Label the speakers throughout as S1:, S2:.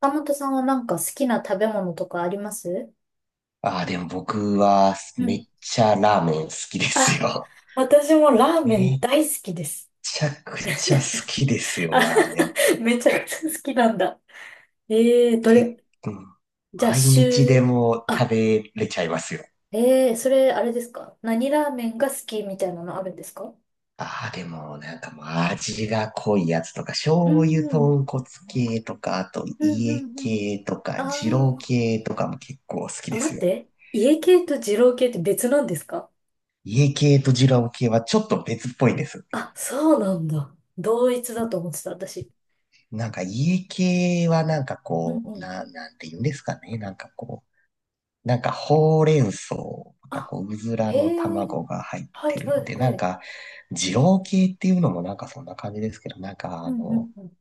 S1: 岡本さんはなんか好きな食べ物とかあります？
S2: ああ、でも僕は
S1: う
S2: め
S1: ん。
S2: っちゃラーメン好きです
S1: あ、
S2: よ。
S1: 私も ラーメ
S2: め
S1: ン
S2: っ
S1: 大好きです。
S2: ちゃくちゃ好きですよ、
S1: あ、
S2: ラーメン。
S1: めちゃくちゃ好きなんだ。ええー、ど
S2: 結
S1: れ、
S2: 構、
S1: じゃあ、
S2: 毎日で
S1: 週、
S2: も
S1: あ、
S2: 食べれちゃいますよ。
S1: ええー、それ、あれですか？何ラーメンが好きみたいなのあるんですか？
S2: ああ、でももう味が濃いやつとか、
S1: う
S2: 醤
S1: ん
S2: 油
S1: うん、
S2: 豚骨系とか、あと
S1: うんう
S2: 家
S1: んうん。
S2: 系とか、
S1: あ
S2: 二郎
S1: ー、
S2: 系とかも結構好き
S1: あ、
S2: で
S1: 待
S2: す
S1: っ
S2: よ。
S1: て。家系と二郎系って別なんですか？
S2: 家系と二郎系はちょっと別っぽいです。
S1: あ、そうなんだ。同一だと思ってた、私。
S2: 家系は
S1: うんうん。
S2: なんて言うんですかね。ほうれん草、
S1: あ、
S2: うずら
S1: へ
S2: の
S1: え、
S2: 卵が入っ
S1: は
S2: て
S1: い
S2: る
S1: は
S2: の
S1: い
S2: で、
S1: はい。
S2: 二郎系っていうのもそんな感じですけど、
S1: うんうんうん。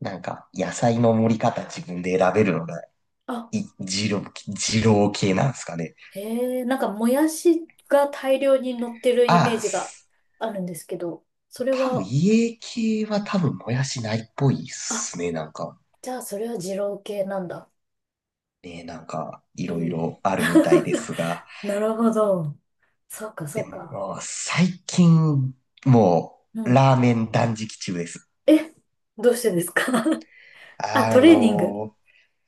S2: 野菜の盛り方自分で選べるのが、
S1: あ、
S2: い、二郎、二郎系なんですかね。
S1: へえ、なんかもやしが大量に乗ってるイメ
S2: あ
S1: ー
S2: あ、
S1: ジが
S2: す
S1: あるんですけど、それ
S2: 多分
S1: は、
S2: 家系は多分もやしないっぽいっ
S1: あ、
S2: すね。
S1: じゃあそれは二郎系なんだ。
S2: ね、い
S1: う
S2: ろい
S1: ん。
S2: ろあるみたいで すが、
S1: なるほど。そうか、そうか。
S2: もう最近、も
S1: うん。
S2: ラーメン断食中です。
S1: え、どうしてですか？ あ、
S2: あ
S1: トレーニング。
S2: の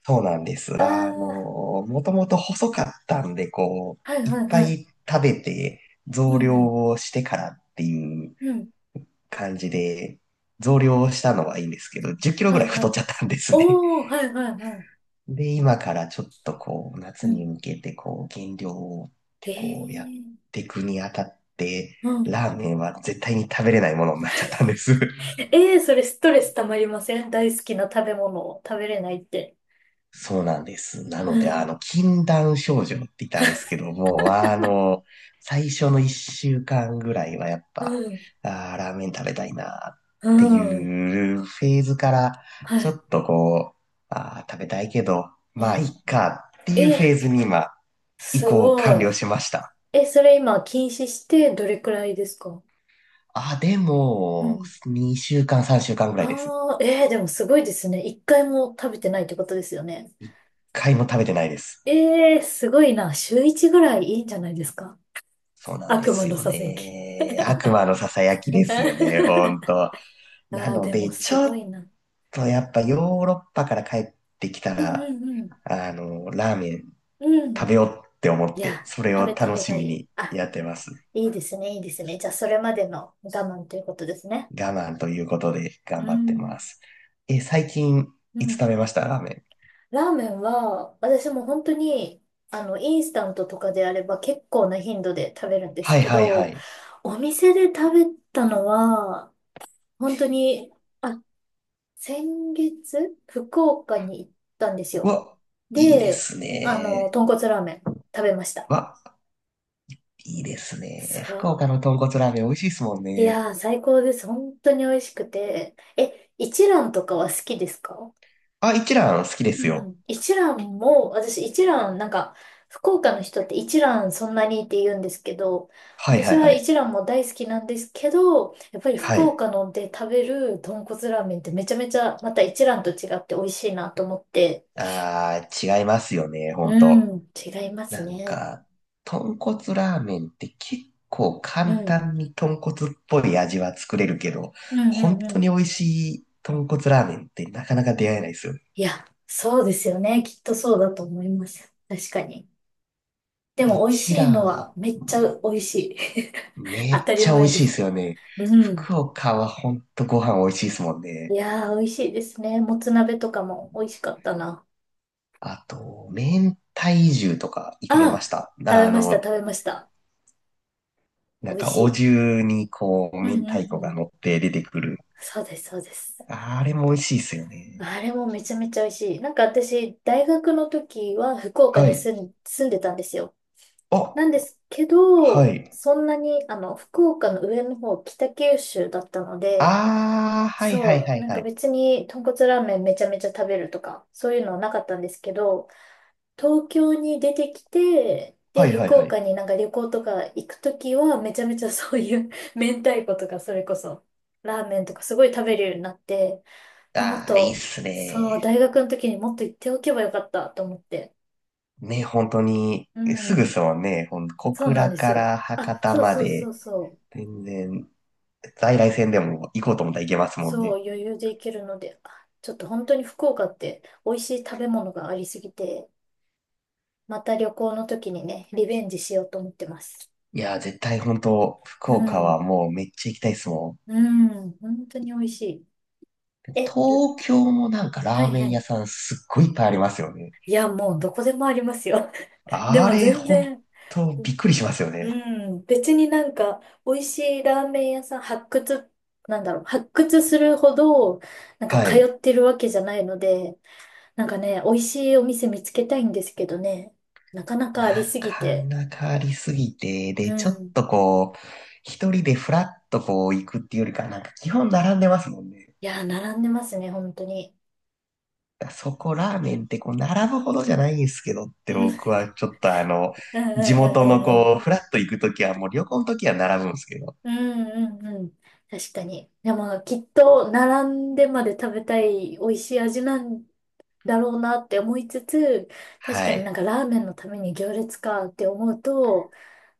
S2: そうなんです。
S1: ああ、
S2: もともと細かったんで、
S1: はい
S2: いっ
S1: はい
S2: ぱ
S1: は
S2: い食べて
S1: い。う
S2: 増
S1: ん
S2: 量
S1: うん。
S2: をしてからっていう
S1: うん。
S2: 感じで、増量をしたのはいいんですけど、10キロ
S1: は
S2: ぐら
S1: い
S2: い
S1: は
S2: 太っ
S1: い。
S2: ちゃったんですね。
S1: おー、はいはいはい。
S2: で、今からちょっと
S1: う
S2: 夏に
S1: ん。
S2: 向けて減量をっ
S1: へ
S2: てこう、やっ
S1: え。
S2: ていくにあたって、
S1: うん。
S2: ラーメンは絶対に食べれないものになっちゃったんです。
S1: ええー、それストレスたまりません？大好きな食べ物を食べれないって。
S2: そうなんです。な
S1: う
S2: ので、
S1: ん、
S2: 禁断症状って言ったらあれですけども、最初の一週間ぐらいはやっ
S1: う
S2: ぱ、
S1: ん、
S2: あーラーメン食べたいなっ
S1: う
S2: て
S1: ん、
S2: いうフェーズから、
S1: は
S2: ちょ
S1: い。
S2: っとこう、あー食べたいけど、
S1: う
S2: まあ、いっ
S1: ん。
S2: かって
S1: え
S2: いうフェー
S1: ー、
S2: ズに今、移
S1: す
S2: 行完
S1: ごい。
S2: 了しました。
S1: え、それ今禁止してどれくらいですか？
S2: あ、で
S1: う
S2: も、
S1: ん。
S2: 2週間、3週間ぐらいです。
S1: ああ、でもすごいですね。一回も食べてないってことですよね。
S2: 1回も食べてないです。
S1: ええー、すごいな。週一ぐらいいいんじゃないですか？
S2: そうなんで
S1: 悪魔
S2: す
S1: の
S2: よ
S1: ささやき。
S2: ね。悪魔のささやきですよね、ほ んと。な
S1: ああ、
S2: の
S1: でも
S2: で、ち
S1: す
S2: ょ
S1: ごい
S2: っ
S1: な。
S2: とやっぱヨーロッパから帰ってきた
S1: うんう
S2: ら、
S1: んうん。
S2: ラーメン
S1: う
S2: 食
S1: ん。
S2: べようって思っ
S1: い
S2: て、
S1: や、
S2: それ
S1: 食
S2: を
S1: べた
S2: 楽
S1: 方
S2: し
S1: が
S2: み
S1: いい。
S2: に
S1: あ、
S2: やってます。
S1: いいですね、いいですね。じゃあ、それまでの我慢ということですね。
S2: 我慢ということで頑
S1: う
S2: 張って
S1: ん、
S2: ます。え、最近
S1: う
S2: いつ
S1: ん。
S2: 食べましたラーメン。
S1: ラーメンは、私も本当に、あの、インスタントとかであれば結構な頻度で食べるんです
S2: はい
S1: け
S2: はいは
S1: ど、
S2: い。
S1: お店で食べたのは、本当に、あ、先月、福岡に行ったんです
S2: う
S1: よ。
S2: わ、いいで
S1: で、
S2: す
S1: あの、
S2: ね。
S1: 豚骨ラーメン食べました。
S2: わ、いいです
S1: そ
S2: ね。福岡
S1: う。
S2: の豚骨ラーメン美味しいですもん
S1: い
S2: ね。
S1: やー、最高です。本当に美味しくて。え、一蘭とかは好きですか？
S2: あ、一蘭好きで
S1: う
S2: す
S1: んう
S2: よ。
S1: ん。一蘭も、私一蘭、なんか、福岡の人って一蘭そんなにって言うんですけど、
S2: はい
S1: 私
S2: はい
S1: は
S2: はい。
S1: 一蘭も大好きなんですけど、やっぱり
S2: は
S1: 福
S2: い。
S1: 岡ので食べる豚骨ラーメンってめちゃめちゃまた一蘭と違って美味しいなと思って、
S2: あー、違いますよね、ほん
S1: う
S2: と。
S1: ん、違います
S2: なん
S1: ね。
S2: か、豚骨ラーメンって結構
S1: う
S2: 簡
S1: ん、
S2: 単に豚骨っぽい味は作れるけど、
S1: うん、う
S2: 本
S1: ん、う
S2: 当に
S1: ん。
S2: 美味しい豚骨ラーメンってなかなか出会えないですよね。
S1: いや、そうですよね。きっとそうだと思います。確かに。で
S2: 一
S1: も美味しいの
S2: 蘭、
S1: はめっちゃ美味しい。
S2: め
S1: 当
S2: っ
S1: たり
S2: ちゃ美
S1: 前
S2: 味
S1: で
S2: しいで
S1: すけ
S2: すよね。
S1: ど。うん。
S2: 福岡はほんとご飯美味しいですもん
S1: い
S2: ね。
S1: やー、美味しいですね。もつ鍋とかも美味しかったな。
S2: あと、明太重とか行かれまし
S1: ああ、
S2: た。
S1: 食べました、食べました。美味し
S2: お
S1: い。
S2: 重にこう、
S1: うん
S2: 明
S1: うん
S2: 太子
S1: う
S2: が
S1: ん。
S2: 乗って出てくる。
S1: そうです、そうです。
S2: あれも美味しいですよね。
S1: あれもめちゃめちゃ美味しい。なんか私、大学の時は福岡
S2: は
S1: に
S2: い。
S1: 住んでたんですよ。
S2: あ、
S1: なんですけ
S2: は
S1: ど、
S2: い。
S1: そんなに、あの、福岡の上の方、北九州だったので、
S2: ああ、はいはい
S1: そ
S2: は
S1: う、
S2: い
S1: なん
S2: は
S1: か
S2: い。
S1: 別に豚骨ラーメンめちゃめちゃ食べるとか、そういうのはなかったんですけど、東京に出てきて、で、
S2: はいはい
S1: 福
S2: は
S1: 岡
S2: い。
S1: になんか旅行とか行くときは、めちゃめちゃ そういう 明太子とか、それこそ、ラーメンとかすごい食べるようになって、あ、もっ
S2: ああ、いいっ
S1: と、
S2: す
S1: そう、
S2: ね。
S1: 大学の時にもっと行っておけばよかったと思って。
S2: ね、本当に、
S1: う
S2: すぐっ
S1: ん、
S2: すもんね。ほん、小
S1: そうなん
S2: 倉
S1: です
S2: か
S1: よ。
S2: ら
S1: あ、
S2: 博多
S1: そう
S2: ま
S1: そうそ
S2: で、
S1: うそう。
S2: 全然、在来線でも行こうと思ったら行けますもん
S1: そ
S2: ね。
S1: う、余裕で行けるので、あ、ちょっと本当に福岡って美味しい食べ物がありすぎて、また旅行の時にね、リベンジしようと思ってます。
S2: いやー、絶対本当、福
S1: う
S2: 岡は
S1: ん。
S2: もうめっちゃ行きたいっすもん。
S1: うん、本当に美味しい。え、
S2: 東京も
S1: は
S2: ラー
S1: い
S2: メ
S1: は
S2: ン
S1: い。
S2: 屋さんすっごいいっぱいありますよね。
S1: いや、もうどこでもありますよ。で
S2: あ
S1: も
S2: れ、
S1: 全
S2: 本
S1: 然、
S2: 当びっくりしますよ
S1: う
S2: ね。
S1: ん、別になんか、美味しいラーメン屋さん発掘、なんだろう、発掘するほど、なんか
S2: は
S1: 通
S2: い。
S1: ってるわけじゃないので、なんかね、美味しいお店見つけたいんですけどね、なかなか
S2: な
S1: ありすぎ
S2: か
S1: て、
S2: なかありすぎて、
S1: う
S2: で、ちょっ
S1: ん。
S2: とこう、一人でフラッとこう行くっていうよりか、基本並んでますもんね。
S1: いや、並んでますね、本当に。
S2: だからそこラーメンってこう、並ぶほどじゃないんですけどって
S1: うん、うん、
S2: 僕はちょっと
S1: うん、うん、
S2: 地元の
S1: うん。う
S2: こ
S1: ん
S2: う、フラッと行くときはもう旅行のときは並ぶんですけど、
S1: うんうんうん。確かに。でも、きっと、並んでまで食べたい美味しい味なんだろうなって思いつつ、確
S2: は
S1: かになん
S2: い。
S1: かラーメンのために行列かって思うと、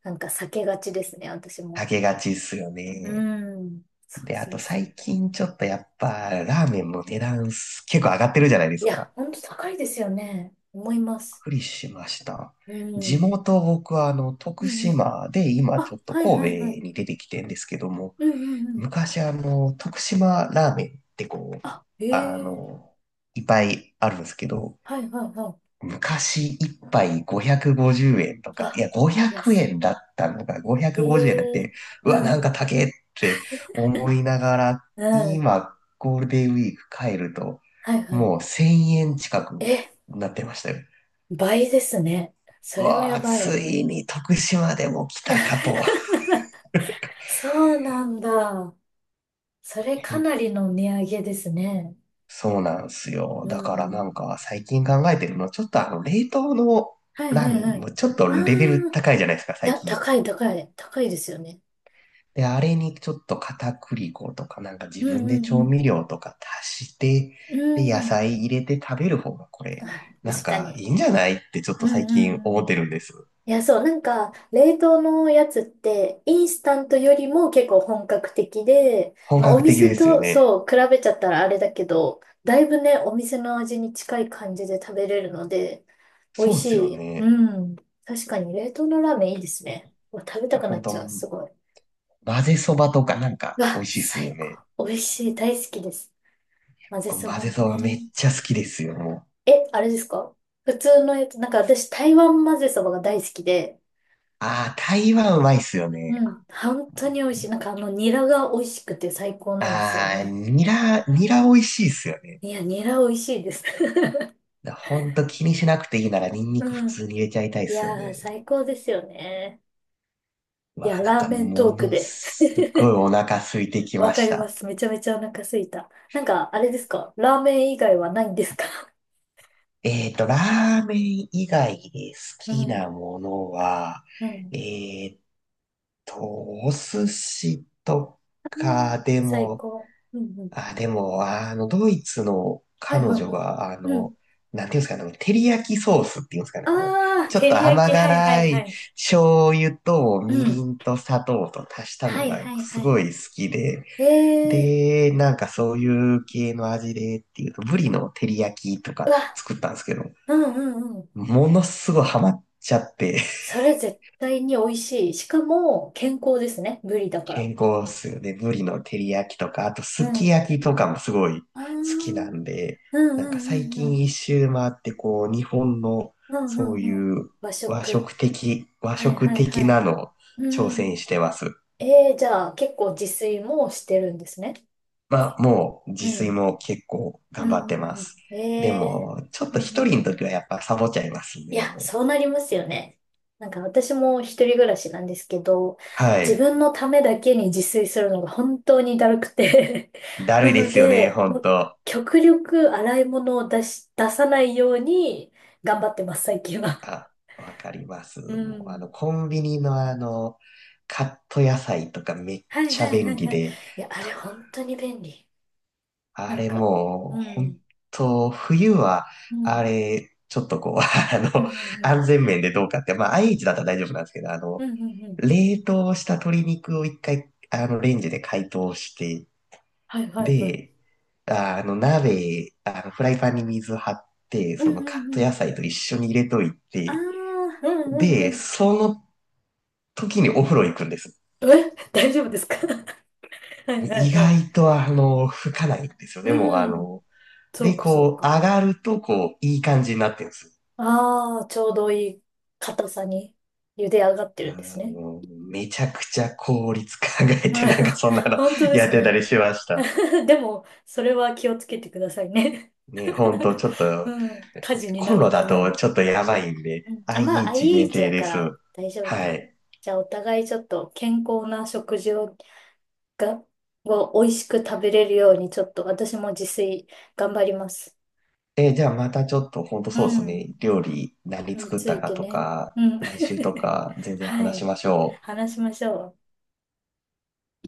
S1: なんか避けがちですね、私も。
S2: あげがちっすよ
S1: う
S2: ね。
S1: ん。そう
S2: で、あ
S1: そ
S2: と
S1: うそう。
S2: 最近ちょっとやっぱラーメンの値段結構上がってるじゃないで
S1: い
S2: す
S1: や、
S2: か。
S1: ほんと高いですよね。思います。
S2: くりしました。
S1: う
S2: 地
S1: ん。
S2: 元、僕は徳
S1: うんうん。
S2: 島で、今ちょ
S1: あ、
S2: っと
S1: はいは
S2: 神
S1: いはい。
S2: 戸に出てきてんですけども、
S1: うんうんうん。
S2: 昔徳島ラーメンってこう、あ
S1: あ、ええ、
S2: の、いっぱいあるんですけど、
S1: はいはいはい。
S2: 昔一杯550円とか、い
S1: あ、
S2: や、500
S1: 安
S2: 円だったのが
S1: い。
S2: 550円だっ
S1: ええ、
S2: て、うわ、
S1: う
S2: なんか
S1: ん。
S2: 高えって思いながら、
S1: うん、
S2: 今、ゴールデンウィーク帰ると、
S1: はいはい。
S2: もう1000円近く
S1: え、
S2: なってましたよ。
S1: 倍ですね。
S2: う
S1: それは
S2: わ
S1: や
S2: あ、
S1: ばい。
S2: ついに徳島でも来たかと。
S1: そうなんだ。それかなりの値上げですね。
S2: そうなんすよ。
S1: う
S2: だからな
S1: ん。
S2: んか最近考えてるの、ちょっとあの冷凍の
S1: はい
S2: ラ
S1: は
S2: ー
S1: い
S2: メン
S1: はい。
S2: もちょっと
S1: あ
S2: レベル
S1: あ、
S2: 高いじゃないですか、
S1: い
S2: 最
S1: や、
S2: 近。
S1: 高い高い。高いですよね。
S2: で、あれにちょっと片栗粉とかなんか
S1: う
S2: 自
S1: ん
S2: 分で調
S1: うん
S2: 味料とか足して、
S1: うん。
S2: で、
S1: う
S2: 野
S1: ん。
S2: 菜入れて食べる方がこ
S1: あ、
S2: れ、なん
S1: 確か
S2: かい
S1: に。
S2: いんじゃないってちょっ
S1: う
S2: と
S1: ん
S2: 最
S1: う
S2: 近
S1: ん
S2: 思
S1: う
S2: っ
S1: ん。
S2: てるんです。
S1: いや、そう、なんか、冷凍のやつって、インスタントよりも結構本格的で、
S2: 本
S1: まあ、お
S2: 格的で
S1: 店
S2: すよ
S1: と、
S2: ね。
S1: そう、比べちゃったらあれだけど、だいぶね、お店の味に近い感じで食べれるので、美味
S2: そうっ
S1: し
S2: すよ
S1: い。う
S2: ね。
S1: ん。確かに、冷凍のラーメンいいですね。うわ、食べたくなっ
S2: 本当
S1: ちゃう、すごい。
S2: 混ぜそばとかなん
S1: う
S2: か美味
S1: わ、
S2: しいっす
S1: 最
S2: よね。
S1: 高。美味しい、大好きです。混ぜ
S2: こう
S1: そ
S2: 混
S1: ば
S2: ぜ
S1: も
S2: そば
S1: ね。
S2: めっちゃ好きですよ、もう。
S1: え、あれですか？普通のやつ、なんか私、台湾混ぜそばが大好きで、
S2: ああ、台湾うまいっすよ
S1: う
S2: ね。
S1: ん。本当に美味しい。なんかあの、ニラが美味しくて最高なんですよ
S2: ああ、
S1: ね。
S2: ニラ、ニラ美味しいっすよね。
S1: いや、ニラ美味しいです。
S2: だほんと気にしなくていいならニンニク
S1: う
S2: 普
S1: ん。
S2: 通に入れちゃいたいっ
S1: い
S2: すよ
S1: やー、
S2: ね。
S1: 最高ですよね。い
S2: わ
S1: や、
S2: あ、なん
S1: ラー
S2: か
S1: メント
S2: も
S1: ーク
S2: の
S1: で。
S2: すごい お腹空いてき
S1: わ
S2: ま
S1: か
S2: し
S1: りま
S2: た。
S1: す。めちゃめちゃお腹すいた。なんか、あれですか？ラーメン以外はないんですか？
S2: ラーメン以外で好
S1: う
S2: き
S1: ん。
S2: なものは、
S1: うん。
S2: えっと、お寿司とかで
S1: 最
S2: も
S1: 高。うんうん。
S2: あ、でも、ドイツの
S1: は
S2: 彼
S1: いはい
S2: 女
S1: はい。
S2: が、
S1: うん。
S2: なんていうんですかね、あの照り焼きソースっていうんですかね、
S1: ああ、
S2: ちょっ
S1: 照
S2: と
S1: り焼
S2: 甘
S1: き。はいは
S2: 辛
S1: いは
S2: い
S1: い。
S2: 醤油とみ
S1: う
S2: り
S1: ん。
S2: んと砂糖と足した
S1: は
S2: の
S1: い
S2: が
S1: はい
S2: す
S1: はい。
S2: ごい好きで、
S1: ええ
S2: で、そういう系の味でっていうと、ブリの照り焼きと
S1: ー。う
S2: か
S1: わ。
S2: 作ったんですけど、
S1: うんうん。
S2: ものすごいハマっちゃって、
S1: それ絶対に美味しい。しかも、健康ですね。ブリだから。
S2: 健康っすよね。ブリの照り焼きとか、あと
S1: う
S2: すき
S1: ん。
S2: 焼きとかもすごい好
S1: ああ、う
S2: きな
S1: ん
S2: んで、
S1: うん
S2: なんか
S1: う
S2: 最
S1: んう
S2: 近
S1: ん。
S2: 一周回ってこう、日本の
S1: うんう
S2: そう
S1: んうん。
S2: いう
S1: 和
S2: 和
S1: 食。
S2: 食的、和
S1: はいは
S2: 食
S1: い
S2: 的
S1: は
S2: な
S1: い。
S2: のを
S1: う
S2: 挑戦
S1: ん。
S2: してます。
S1: えー、じゃあ結構自炊もしてるんですね。
S2: まあもう自
S1: う
S2: 炊
S1: ん。
S2: も結構
S1: う
S2: 頑
S1: ん
S2: 張っ
S1: う
S2: て
S1: ん
S2: ま
S1: う
S2: す。
S1: ん。
S2: で
S1: えー。
S2: も、ちょっ
S1: う
S2: と
S1: んう
S2: 一
S1: ん。
S2: 人の時はやっぱサボっちゃいます
S1: い
S2: ね、
S1: や、
S2: も
S1: そう
S2: う。
S1: なりますよね。なんか私も一人暮らしなんですけど、
S2: は
S1: 自
S2: い。
S1: 分のためだけに自炊するのが本当にだるくて
S2: だる
S1: な
S2: いで
S1: の
S2: すよね、
S1: で、
S2: ほ
S1: も
S2: ん
S1: う
S2: と。
S1: 極力洗い物を出さないように頑張ってます、最近は。
S2: あ、わかります。
S1: う
S2: もう、
S1: ん。
S2: コンビニのカット野菜とかめっ
S1: はい
S2: ちゃ
S1: はいは
S2: 便
S1: い
S2: 利
S1: はい。
S2: で、
S1: いや、あれ本当に便利。
S2: あ
S1: なん
S2: れ
S1: か、
S2: もう、
S1: う
S2: 本
S1: ん、
S2: 当冬は、
S1: う
S2: あ
S1: ん、
S2: れ、ちょっとこう、
S1: うん、うん、
S2: 安全面でどうかって、まあ、IH だったら大丈夫なんですけど、
S1: うん、うん、うんうん。
S2: 冷凍した鶏肉を一回、レンジで解凍して、
S1: はいはいはい。
S2: で、ああの、鍋、あの、フライパンに水張って、
S1: うん、
S2: その
S1: う
S2: カ
S1: ん、
S2: ッ
S1: う
S2: ト野
S1: ん。
S2: 菜と一緒に入れとい
S1: ああ、う
S2: て、
S1: ん、うん、う
S2: で、
S1: ん。
S2: その時にお風呂行くんです。
S1: え、大丈夫ですか？ はいは
S2: 意
S1: いはい。
S2: 外と吹かないんですよね、もうあ
S1: うん。
S2: の、
S1: そう
S2: で、
S1: か、そう
S2: こう、
S1: か。
S2: 上がると、こう、いい感じになってるんです。
S1: ああ、ちょうどいい硬さに茹で上がって
S2: あ
S1: るんですね。
S2: のめちゃくちゃ効率考え
S1: う
S2: て、
S1: ん。
S2: なんかそんな の
S1: 本当 で
S2: や
S1: す
S2: ってた
S1: ね。
S2: りしました。
S1: でも、それは気をつけてくださいね。
S2: ね、ほんと、ちょっ と、
S1: うん。火事にな
S2: コン
S1: ら
S2: ロ
S1: な
S2: だ
S1: いよう
S2: と
S1: に。
S2: ちょっとやばいんで、
S1: うん、あ、まあ、
S2: IH 限
S1: IH
S2: 定
S1: だ
S2: で
S1: か
S2: す。
S1: ら大丈夫
S2: は
S1: か。
S2: い。
S1: じゃあ、お互いちょっと健康な食事を、が、を美味しく食べれるように、ちょっと私も自炊頑張ります。
S2: え、じゃあまたちょっと、ほんと
S1: う
S2: そうです
S1: ん。
S2: ね、料理何
S1: に
S2: 作っ
S1: つ
S2: た
S1: い
S2: か
S1: て
S2: と
S1: ね。う
S2: か、
S1: ん。
S2: 来週とか、全 然
S1: は
S2: 話し
S1: い。
S2: ましょう。
S1: 話しましょう。